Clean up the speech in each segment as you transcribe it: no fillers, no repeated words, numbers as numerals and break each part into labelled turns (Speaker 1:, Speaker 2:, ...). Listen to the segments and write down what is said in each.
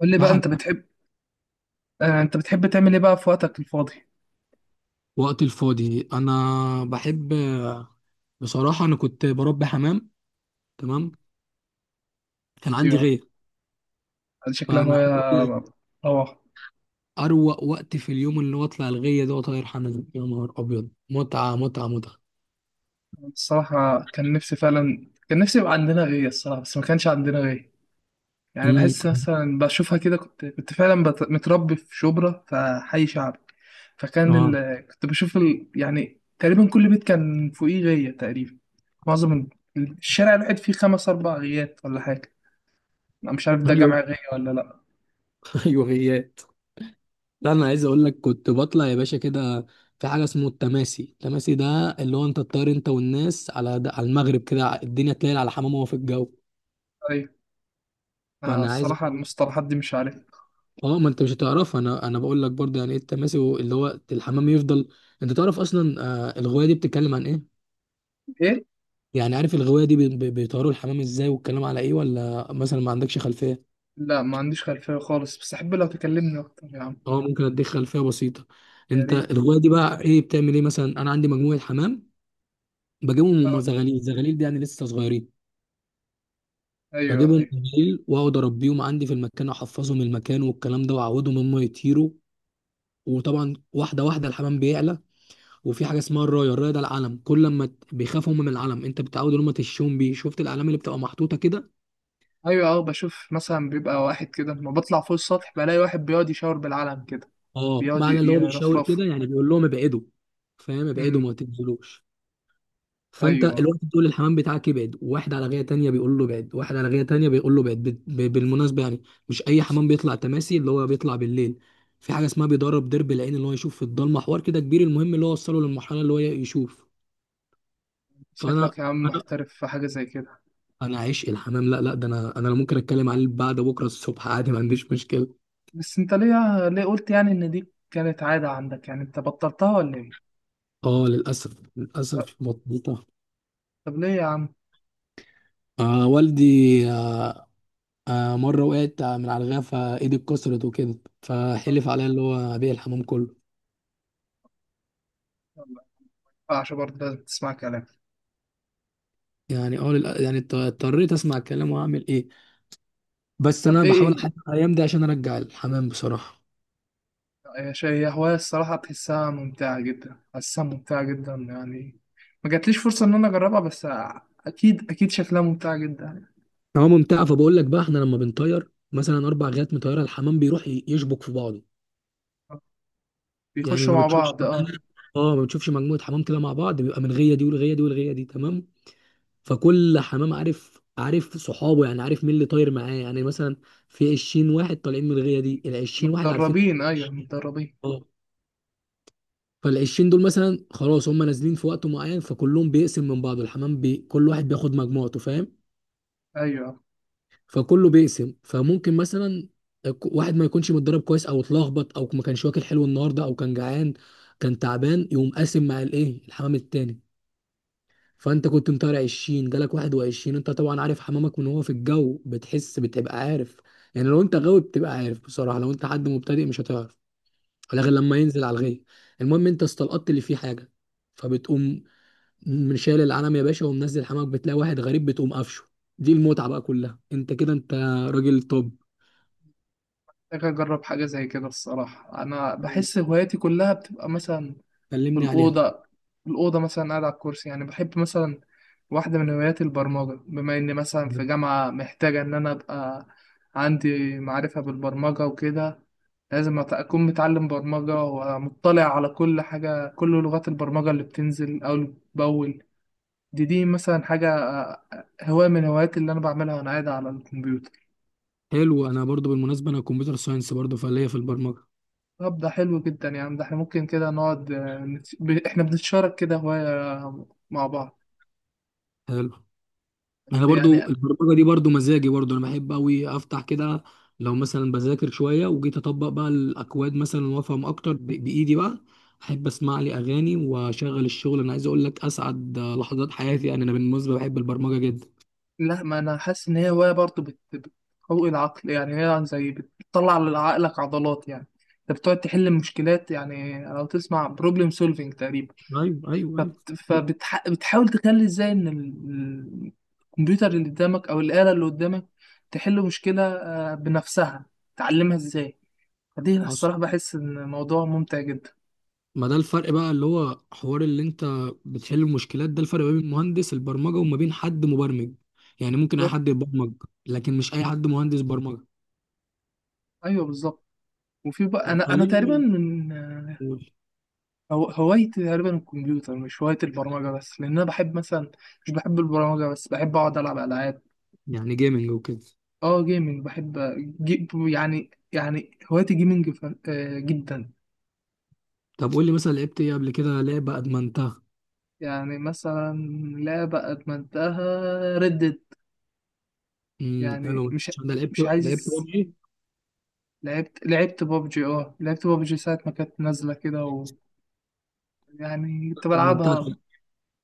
Speaker 1: قول لي
Speaker 2: يا
Speaker 1: بقى
Speaker 2: حبيبي.
Speaker 1: انت بتحب. انت بتحب تعمل ايه بقى في وقتك الفاضي؟
Speaker 2: وقت الفاضي انا بحب، بصراحه انا كنت بربي حمام. تمام، كان عندي
Speaker 1: ايوه.
Speaker 2: غيه.
Speaker 1: هذه شكلها
Speaker 2: فانا
Speaker 1: هواية
Speaker 2: عايز اقول لك
Speaker 1: روعة.
Speaker 2: اروق وقت في اليوم اللي هو اطلع الغيه ده واطير حمام، يا نهار ابيض، متعه متعه متعه.
Speaker 1: الصراحة كان نفسي فعلا كان نفسي يبقى عندنا غيه الصراحة، بس ما كانش عندنا غيه. يعني بحس
Speaker 2: امم،
Speaker 1: مثلا بشوفها كده، كنت فعلا متربي في شبرا، في حي شعبي.
Speaker 2: اه،
Speaker 1: كنت بشوف يعني تقريبا كل بيت كان فوقيه غيه تقريبا. معظم الشارع الواحد فيه خمس أربع غيات ولا حاجة. أنا مش عارف ده
Speaker 2: ايوه.
Speaker 1: جمع غية ولا لأ.
Speaker 2: ايوه غيات. لا انا عايز اقول لك كنت بطلع يا باشا كده، في حاجه اسمه التماسي. التماسي ده اللي هو انت تطير انت والناس على ده، على المغرب كده، الدنيا تليل على حمام وهو في الجو.
Speaker 1: أيوة.
Speaker 2: فانا عايز،
Speaker 1: الصراحة المصطلحات دي مش عارف.
Speaker 2: اه ما انت مش هتعرفها، انا بقول لك برضه يعني ايه التماسي. اللي هو الحمام يفضل، انت تعرف اصلا آه الغوايه دي بتتكلم عن ايه؟
Speaker 1: إيه.
Speaker 2: يعني عارف الغوايه دي بيطيروا الحمام ازاي والكلام على ايه، ولا مثلا ما عندكش خلفيه؟
Speaker 1: لا، ما عنديش خلفية خالص، بس أحب لو تكلمني أكتر يا عم.
Speaker 2: اه ممكن اديك خلفيه بسيطه.
Speaker 1: يا
Speaker 2: انت
Speaker 1: ريت.
Speaker 2: الغوايه دي بقى ايه، بتعمل ايه؟ مثلا انا عندي مجموعه حمام، بجيبهم هم
Speaker 1: أه.
Speaker 2: زغاليل. زغاليل دي يعني لسه صغيرين.
Speaker 1: أيوه
Speaker 2: بجيبهم
Speaker 1: أيوه
Speaker 2: بالليل واقعد اربيهم عندي في المكان، احفظهم المكان والكلام ده واعودهم هم يطيروا. وطبعا واحده واحده الحمام بيعلى. وفي حاجه اسمها الرايه. الرايه ده العلم، كل لما بيخافوا هم من العلم، انت بتعود ان هم تشوم بيه. شفت الاعلام اللي بتبقى محطوطه كده؟
Speaker 1: أيوه. أه بشوف مثلا بيبقى واحد كده لما بطلع فوق السطح، بلاقي واحد بيقعد يشاور بالعلم كده.
Speaker 2: اه،
Speaker 1: بيقعد ي-
Speaker 2: معنى اللي هو بيشاور
Speaker 1: يرفرفه
Speaker 2: كده يعني بيقول لهم ابعدوا. فاهم؟ ابعدوا
Speaker 1: أمم.
Speaker 2: ما تنزلوش. فانت
Speaker 1: أيوه.
Speaker 2: الواحد بتقول للحمام بتاعك ابعد، واحد على غايه تانيه بيقول له ابعد، واحد على غايه تانيه بيقول له ابعد. بالمناسبه يعني مش اي حمام بيطلع تماسي. اللي هو بيطلع بالليل، في حاجه اسمها بيدرب درب العين، اللي هو يشوف في الضلمه. حوار كده كبير، المهم اللي هو وصله للمرحله اللي هو يشوف.
Speaker 1: شكلك
Speaker 2: فانا
Speaker 1: يا عم
Speaker 2: انا
Speaker 1: محترف في حاجة زي كده.
Speaker 2: انا عشق الحمام. لا لا، ده انا ممكن اتكلم عليه بعد بكره الصبح عادي، ما عنديش مشكله.
Speaker 1: بس أنت ليه قلت يعني إن دي كانت عادة عندك، يعني أنت بطلتها ولا إيه؟
Speaker 2: اه للاسف،
Speaker 1: طب
Speaker 2: للاسف مضبوطه.
Speaker 1: طب ليه يا عم؟
Speaker 2: آه والدي، آه، مره وقعت من على الغفا، ايدي اتكسرت وكده،
Speaker 1: آه،
Speaker 2: فحلف عليا اللي هو ابيع الحمام كله.
Speaker 1: يلا، ما ينفعش برضه، لازم تسمع كلامي.
Speaker 2: يعني اه يعني اضطريت اسمع الكلام، واعمل ايه. بس
Speaker 1: طب
Speaker 2: انا
Speaker 1: إيه
Speaker 2: بحاول احدد
Speaker 1: إيه؟
Speaker 2: الايام دي عشان ارجع الحمام بصراحه.
Speaker 1: هي هواية الصراحة بتحسها ممتعة جدا، حاسسها ممتعة جدا يعني. ما جاتليش فرصة إن أنا أجربها، بس أكيد أكيد شكلها ممتعة جدا يعني.
Speaker 2: هو ممتعه، فبقول لك بقى احنا لما بنطير مثلا اربع غيات مطيره، الحمام بيروح يشبك في بعضه. يعني
Speaker 1: بيخشوا
Speaker 2: ما
Speaker 1: مع
Speaker 2: بتشوفش،
Speaker 1: بعض أه.
Speaker 2: اه ما بتشوفش مجموعه حمام كده مع بعض بيبقى من غيه دي والغيه دي والغيه دي. تمام. فكل حمام عارف عارف صحابه، يعني عارف مين اللي طاير معاه. يعني مثلا في 20 واحد طالعين من الغيه دي، ال 20 واحد عارفين.
Speaker 1: متدربين، أيوه متدربين.
Speaker 2: اه، فال 20 دول مثلا خلاص هم نازلين في وقت معين، فكلهم بيقسم من بعض. الحمام كل واحد بياخد مجموعته، فاهم؟
Speaker 1: أيوه.
Speaker 2: فكله بيقسم. فممكن مثلا واحد ما يكونش متدرب كويس، او اتلخبط، او ما كانش واكل حلو النهارده، او كان جعان، كان تعبان، يقوم قاسم مع الايه، الحمام التاني. فانت كنت مطالع 20، جالك 21. انت طبعا عارف حمامك من هو في الجو، بتحس، بتبقى عارف. يعني لو انت غاوي بتبقى عارف بصراحه، لو انت حد مبتدئ مش هتعرف ولا غير لما ينزل على الغيه. المهم انت استلقطت اللي فيه حاجه، فبتقوم من شايل العلم يا باشا ومنزل حمامك، بتلاقي واحد غريب بتقوم قفشه. دي المتعه بقى كلها. انت كده انت راجل توب.
Speaker 1: محتاج أجرب حاجة زي كده الصراحة. أنا بحس هواياتي كلها بتبقى مثلا في
Speaker 2: كلمني عليها.
Speaker 1: الأوضة في الأوضة مثلا قاعد على الكرسي، يعني بحب مثلا. واحدة من هواياتي البرمجة، بما إني مثلا في جامعة محتاجة إن أنا أبقى عندي معرفة بالبرمجة وكده. لازم أكون متعلم برمجة ومطلع على كل حاجة، كل لغات البرمجة اللي بتنزل أو اللي بتبول. دي مثلا حاجة، هواية من هواياتي اللي أنا بعملها وأنا قاعد على الكمبيوتر.
Speaker 2: حلو، انا برضو بالمناسبه انا كمبيوتر ساينس برضو، فليا في البرمجه.
Speaker 1: طب ده حلو جدا يعني. ده احنا ممكن كده نقعد، احنا بنتشارك كده هواية مع بعض.
Speaker 2: حلو،
Speaker 1: بس
Speaker 2: انا برضو
Speaker 1: يعني.
Speaker 2: البرمجه دي برضو مزاجي، برضو انا بحب قوي افتح كده لو مثلا بذاكر شويه وجيت اطبق بقى الاكواد مثلا وافهم اكتر بايدي بقى. احب اسمع لي اغاني واشغل الشغل. انا عايز اقول لك اسعد لحظات حياتي، يعني انا بالمناسبه بحب البرمجه جدا.
Speaker 1: لا، ما أنا حاسس إن هي هواية برضه بتقوي العقل، يعني هي يعني زي بتطلع لعقلك عضلات يعني. أنت بتقعد تحل مشكلات، يعني لو تسمع بروبلم سولفينج تقريبا.
Speaker 2: ايوه ايوه ايوه، دي
Speaker 1: فبتحاول تخلي ازاي ان الكمبيوتر اللي قدامك او الآلة اللي قدامك تحل مشكلة بنفسها، تعلمها ازاي. فدي أنا
Speaker 2: حصل.
Speaker 1: الصراحة بحس ان موضوع ممتع جدا.
Speaker 2: ما ده الفرق بقى، اللي هو حوار اللي انت بتحل المشكلات، ده الفرق ما بين مهندس البرمجه وما بين حد مبرمج. يعني ممكن اي
Speaker 1: بالظبط.
Speaker 2: حد يبرمج، لكن مش اي حد مهندس برمجه.
Speaker 1: ايوه بالظبط. وفي بقى
Speaker 2: طب
Speaker 1: انا تقريبا
Speaker 2: كلمني،
Speaker 1: من
Speaker 2: قول.
Speaker 1: هوايتي تقريبا الكمبيوتر، مش هوايتي البرمجة بس، لان انا بحب مثلا مش بحب البرمجة بس، بحب اقعد العب العاب.
Speaker 2: يعني جيمنج وكده؟
Speaker 1: اه جيمنج، بحب يعني هوايتي جيمنج جدا.
Speaker 2: طب قول لي مثلا لعبت ايه قبل كده، لعبه ادمنتها.
Speaker 1: يعني مثلا لعبة أدمنتها. ردد.
Speaker 2: امم، حلو.
Speaker 1: يعني مش
Speaker 2: عشان ده لعبت،
Speaker 1: مش
Speaker 2: لعبت
Speaker 1: عايز.
Speaker 2: روبجي ايه
Speaker 1: لعبت بابجي، اه لعبت بابجي ساعة ما كانت نازلة كده يعني كنت
Speaker 2: ادمنتها؟
Speaker 1: بلعبها.
Speaker 2: طب،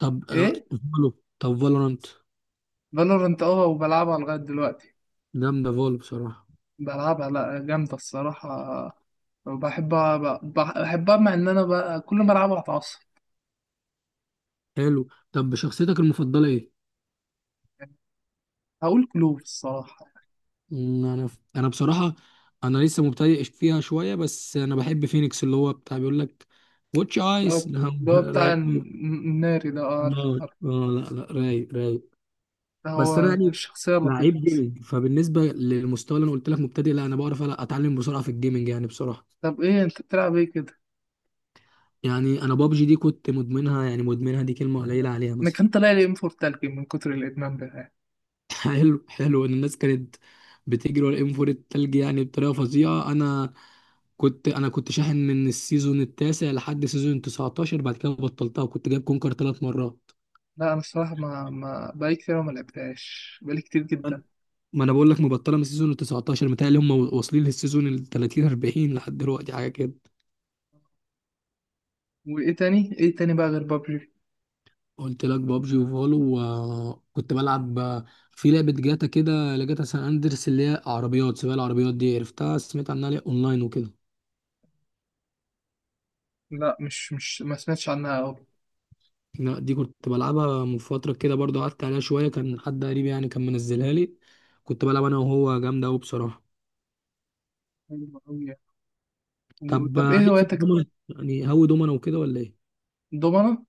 Speaker 2: طب،
Speaker 1: ايه.
Speaker 2: فالو. طب فالورانت؟
Speaker 1: فالورنت، اه، وبلعبها لغاية دلوقتي.
Speaker 2: جامده فالو بصراحه.
Speaker 1: بلعبها. لا، جامدة الصراحة. وبحبها، بحبها مع ان انا بقى كل ما العبها اتعصب
Speaker 2: حلو، طب شخصيتك المفضله ايه؟
Speaker 1: يعني. هقول كلوب الصراحة.
Speaker 2: انا، بصراحه انا لسه مبتدئ فيها شويه، بس انا بحب فينيكس، اللي هو بتاع بيقول لك واتش
Speaker 1: اللي
Speaker 2: ايس.
Speaker 1: هو اللي هو بتاع
Speaker 2: رايق أوي.
Speaker 1: الناري ده،
Speaker 2: لا،
Speaker 1: عارف عارف.
Speaker 2: لا لا، رايق رايق.
Speaker 1: ده
Speaker 2: بس انا
Speaker 1: هو
Speaker 2: يعني
Speaker 1: الشخصية اللطيفة.
Speaker 2: لعيب جيمنج، فبالنسبه للمستوى اللي انا قلت لك مبتدئ، لا انا بعرف اتعلم بسرعه في الجيمنج يعني بصراحه.
Speaker 1: طب ايه انت بتلعب ايه كده؟
Speaker 2: يعني انا بابجي دي كنت مدمنها. يعني مدمنها دي كلمه
Speaker 1: انا
Speaker 2: قليله عليها
Speaker 1: أنا
Speaker 2: مثلا.
Speaker 1: كان طالع لي ام 4 تلج من كتر الادمان بتاعي.
Speaker 2: حلو حلو، ان الناس كانت بتجري ورا الام 4 التلج يعني بطريقه فظيعه. انا كنت شاحن من السيزون التاسع لحد سيزون 19، بعد كده بطلتها، وكنت جايب كونكر 3 مرات.
Speaker 1: لا انا الصراحه ما ما بقالي كتير أوي، ما لعبتهاش بقالي كتير جدا.
Speaker 2: ما انا بقول لك مبطله من السيزون ال 19، متهيألي هم واصلين للسيزون ال 30، 40 لحد دلوقتي حاجه كده.
Speaker 1: وايه تاني، ايه تاني بقى غير بابجي؟
Speaker 2: قلت لك بابجي وفولو، وكنت بلعب في لعبة جاتا كده، لجاتا سان اندرس اللي هي عربيات سباق. العربيات دي عرفتها؟ سمعت عنها ليه اونلاين وكده؟
Speaker 1: لا، مش ما سمعتش عنها أوي.
Speaker 2: لا دي كنت بلعبها من فترة كده برضو، قعدت عليها شوية، كان حد قريب يعني كان منزلها لي، كنت بلعب انا وهو، جامدة قوي بصراحة.
Speaker 1: حلو أوي يعني.
Speaker 2: طب
Speaker 1: طب ايه
Speaker 2: ليك في
Speaker 1: هواياتك؟
Speaker 2: الدومنة؟ يعني هوي دومنة وكده ولا ايه؟
Speaker 1: الدومنة.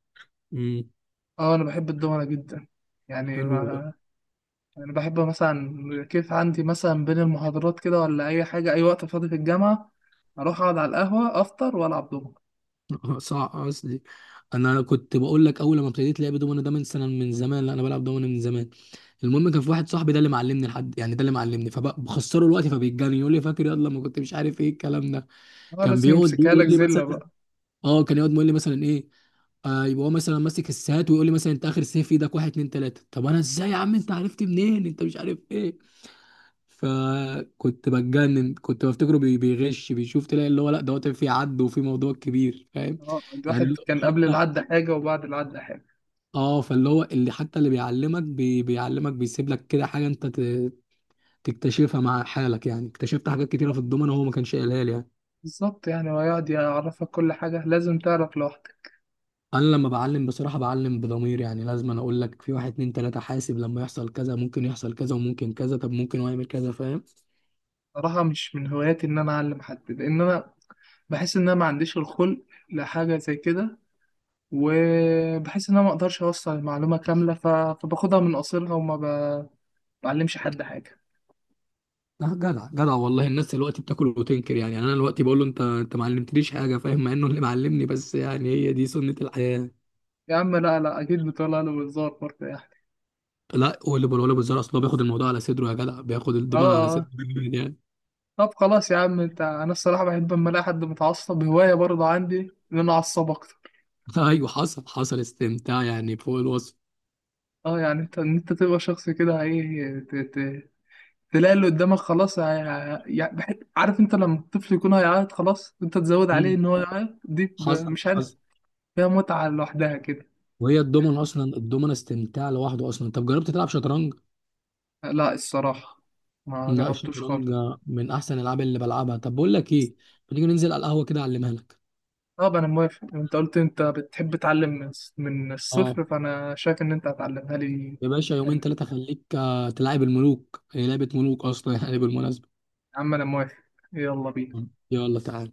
Speaker 2: امم،
Speaker 1: اه انا بحب الدومنة جدا. يعني
Speaker 2: حلو.
Speaker 1: ما انا بحب مثلا كيف عندي مثلا بين المحاضرات كده ولا اي حاجه، اي وقت فاضي في الجامعه اروح اقعد على القهوه افطر والعب دومنة.
Speaker 2: صح، قصدي انا كنت بقول لك اول ما ابتديت لعب دومنه ده من سنه، من زمان، لا انا بلعب دومنه من زمان. المهم كان في واحد صاحبي ده اللي معلمني لحد يعني، ده اللي معلمني، فبخسره الوقت فبيتجنن، يقول لي فاكر، يلا ما كنت مش عارف ايه الكلام ده.
Speaker 1: اه
Speaker 2: كان
Speaker 1: لازم
Speaker 2: بيقعد
Speaker 1: يمسكها
Speaker 2: يقول
Speaker 1: لك
Speaker 2: لي
Speaker 1: زله
Speaker 2: مثلا،
Speaker 1: بقى.
Speaker 2: اه كان يقعد يقول لي مثلا ايه، آه يبقى هو مثلا ماسك السات ويقول لي مثلا انت اخر سيف في ايدك واحد اتنين تلاته. طب انا ازاي يا عم انت عرفت منين، انت مش عارف ايه؟ فكنت بتجنن، كنت بفتكره بيغش بيشوف. تلاقي اللي هو لا، دوت في عد وفي موضوع كبير، فاهم؟
Speaker 1: اه الواحد
Speaker 2: يعني
Speaker 1: كان قبل العد حاجه وبعد العد حاجه.
Speaker 2: اه فاللي هو، اللي حتى اللي بيعلمك بيعلمك بيسيب لك كده حاجه انت تكتشفها مع حالك. يعني اكتشفت حاجات كتيره في الضمنه هو ما كانش قايلها لي يعني.
Speaker 1: بالظبط يعني، ويقعد يعرفك كل حاجة لازم تعرف لوحدك.
Speaker 2: انا لما بعلم بصراحه بعلم بضمير، يعني لازم أنا اقول لك في واحد اتنين تلاته، حاسب لما يحصل كذا ممكن يحصل كذا وممكن كذا، طب ممكن هو يعمل كذا، فاهم؟
Speaker 1: صراحة مش من هواياتي إن أنا أعلم حد، لأن أنا بحس إن أنا ما عنديش الخلق لحاجة زي كده. وبحس إن أنا ما أقدرش أوصل المعلومة كاملة، فباخدها من قصيرها وما بعلمش حد حاجة.
Speaker 2: لا جدع جدع والله. الناس دلوقتي بتاكل وتنكر يعني. يعني انا دلوقتي بقول له انت ما علمتنيش حاجه فاهم، مع انه اللي معلمني، بس يعني هي دي سنه الحياه.
Speaker 1: يا عم، لا لا، أكيد بتقولها له بهزار برضه يعني.
Speaker 2: لا واللي بقوله بالزرع، اصل هو بياخد الموضوع على صدره، يا جدع بياخد
Speaker 1: آه
Speaker 2: الضمان على صدره.
Speaker 1: آه. طب خلاص يا عم. أنا الصراحة بحب أما ألاقي حد متعصب هواية برضه عندي إن أنا أعصب أكتر.
Speaker 2: ايوه، حصل حصل استمتاع يعني فوق الوصف.
Speaker 1: آه، يعني إن أنت تبقى شخص كده، إيه، تلاقي اللي قدامك خلاص، يعني عارف انت لما الطفل يكون هيعيط خلاص انت تزود عليه
Speaker 2: مم.
Speaker 1: ان هو يعيط، دي
Speaker 2: حصل
Speaker 1: مش عارف،
Speaker 2: حصل.
Speaker 1: فيها متعة لوحدها كده.
Speaker 2: وهي الدومنة اصلا، الدومنة استمتاع لوحده اصلا. طب جربت تلعب شطرنج؟
Speaker 1: لا الصراحة ما
Speaker 2: لا،
Speaker 1: جربتوش خالص.
Speaker 2: الشطرنج من احسن الالعاب اللي بلعبها. طب بقول لك ايه، ما تيجي ننزل على القهوة كده اعلمها لك.
Speaker 1: طب انا موافق، انت قلت انت بتحب تعلم من الص- من
Speaker 2: اه،
Speaker 1: الصفر فانا شايف ان انت هتعلمها لي
Speaker 2: يا باشا يومين
Speaker 1: يعني.
Speaker 2: ثلاثة خليك تلعب الملوك. هي لعبة ملوك اصلا يعني بالمناسبة.
Speaker 1: يا عم انا موافق، يلا بينا.
Speaker 2: يلا تعال.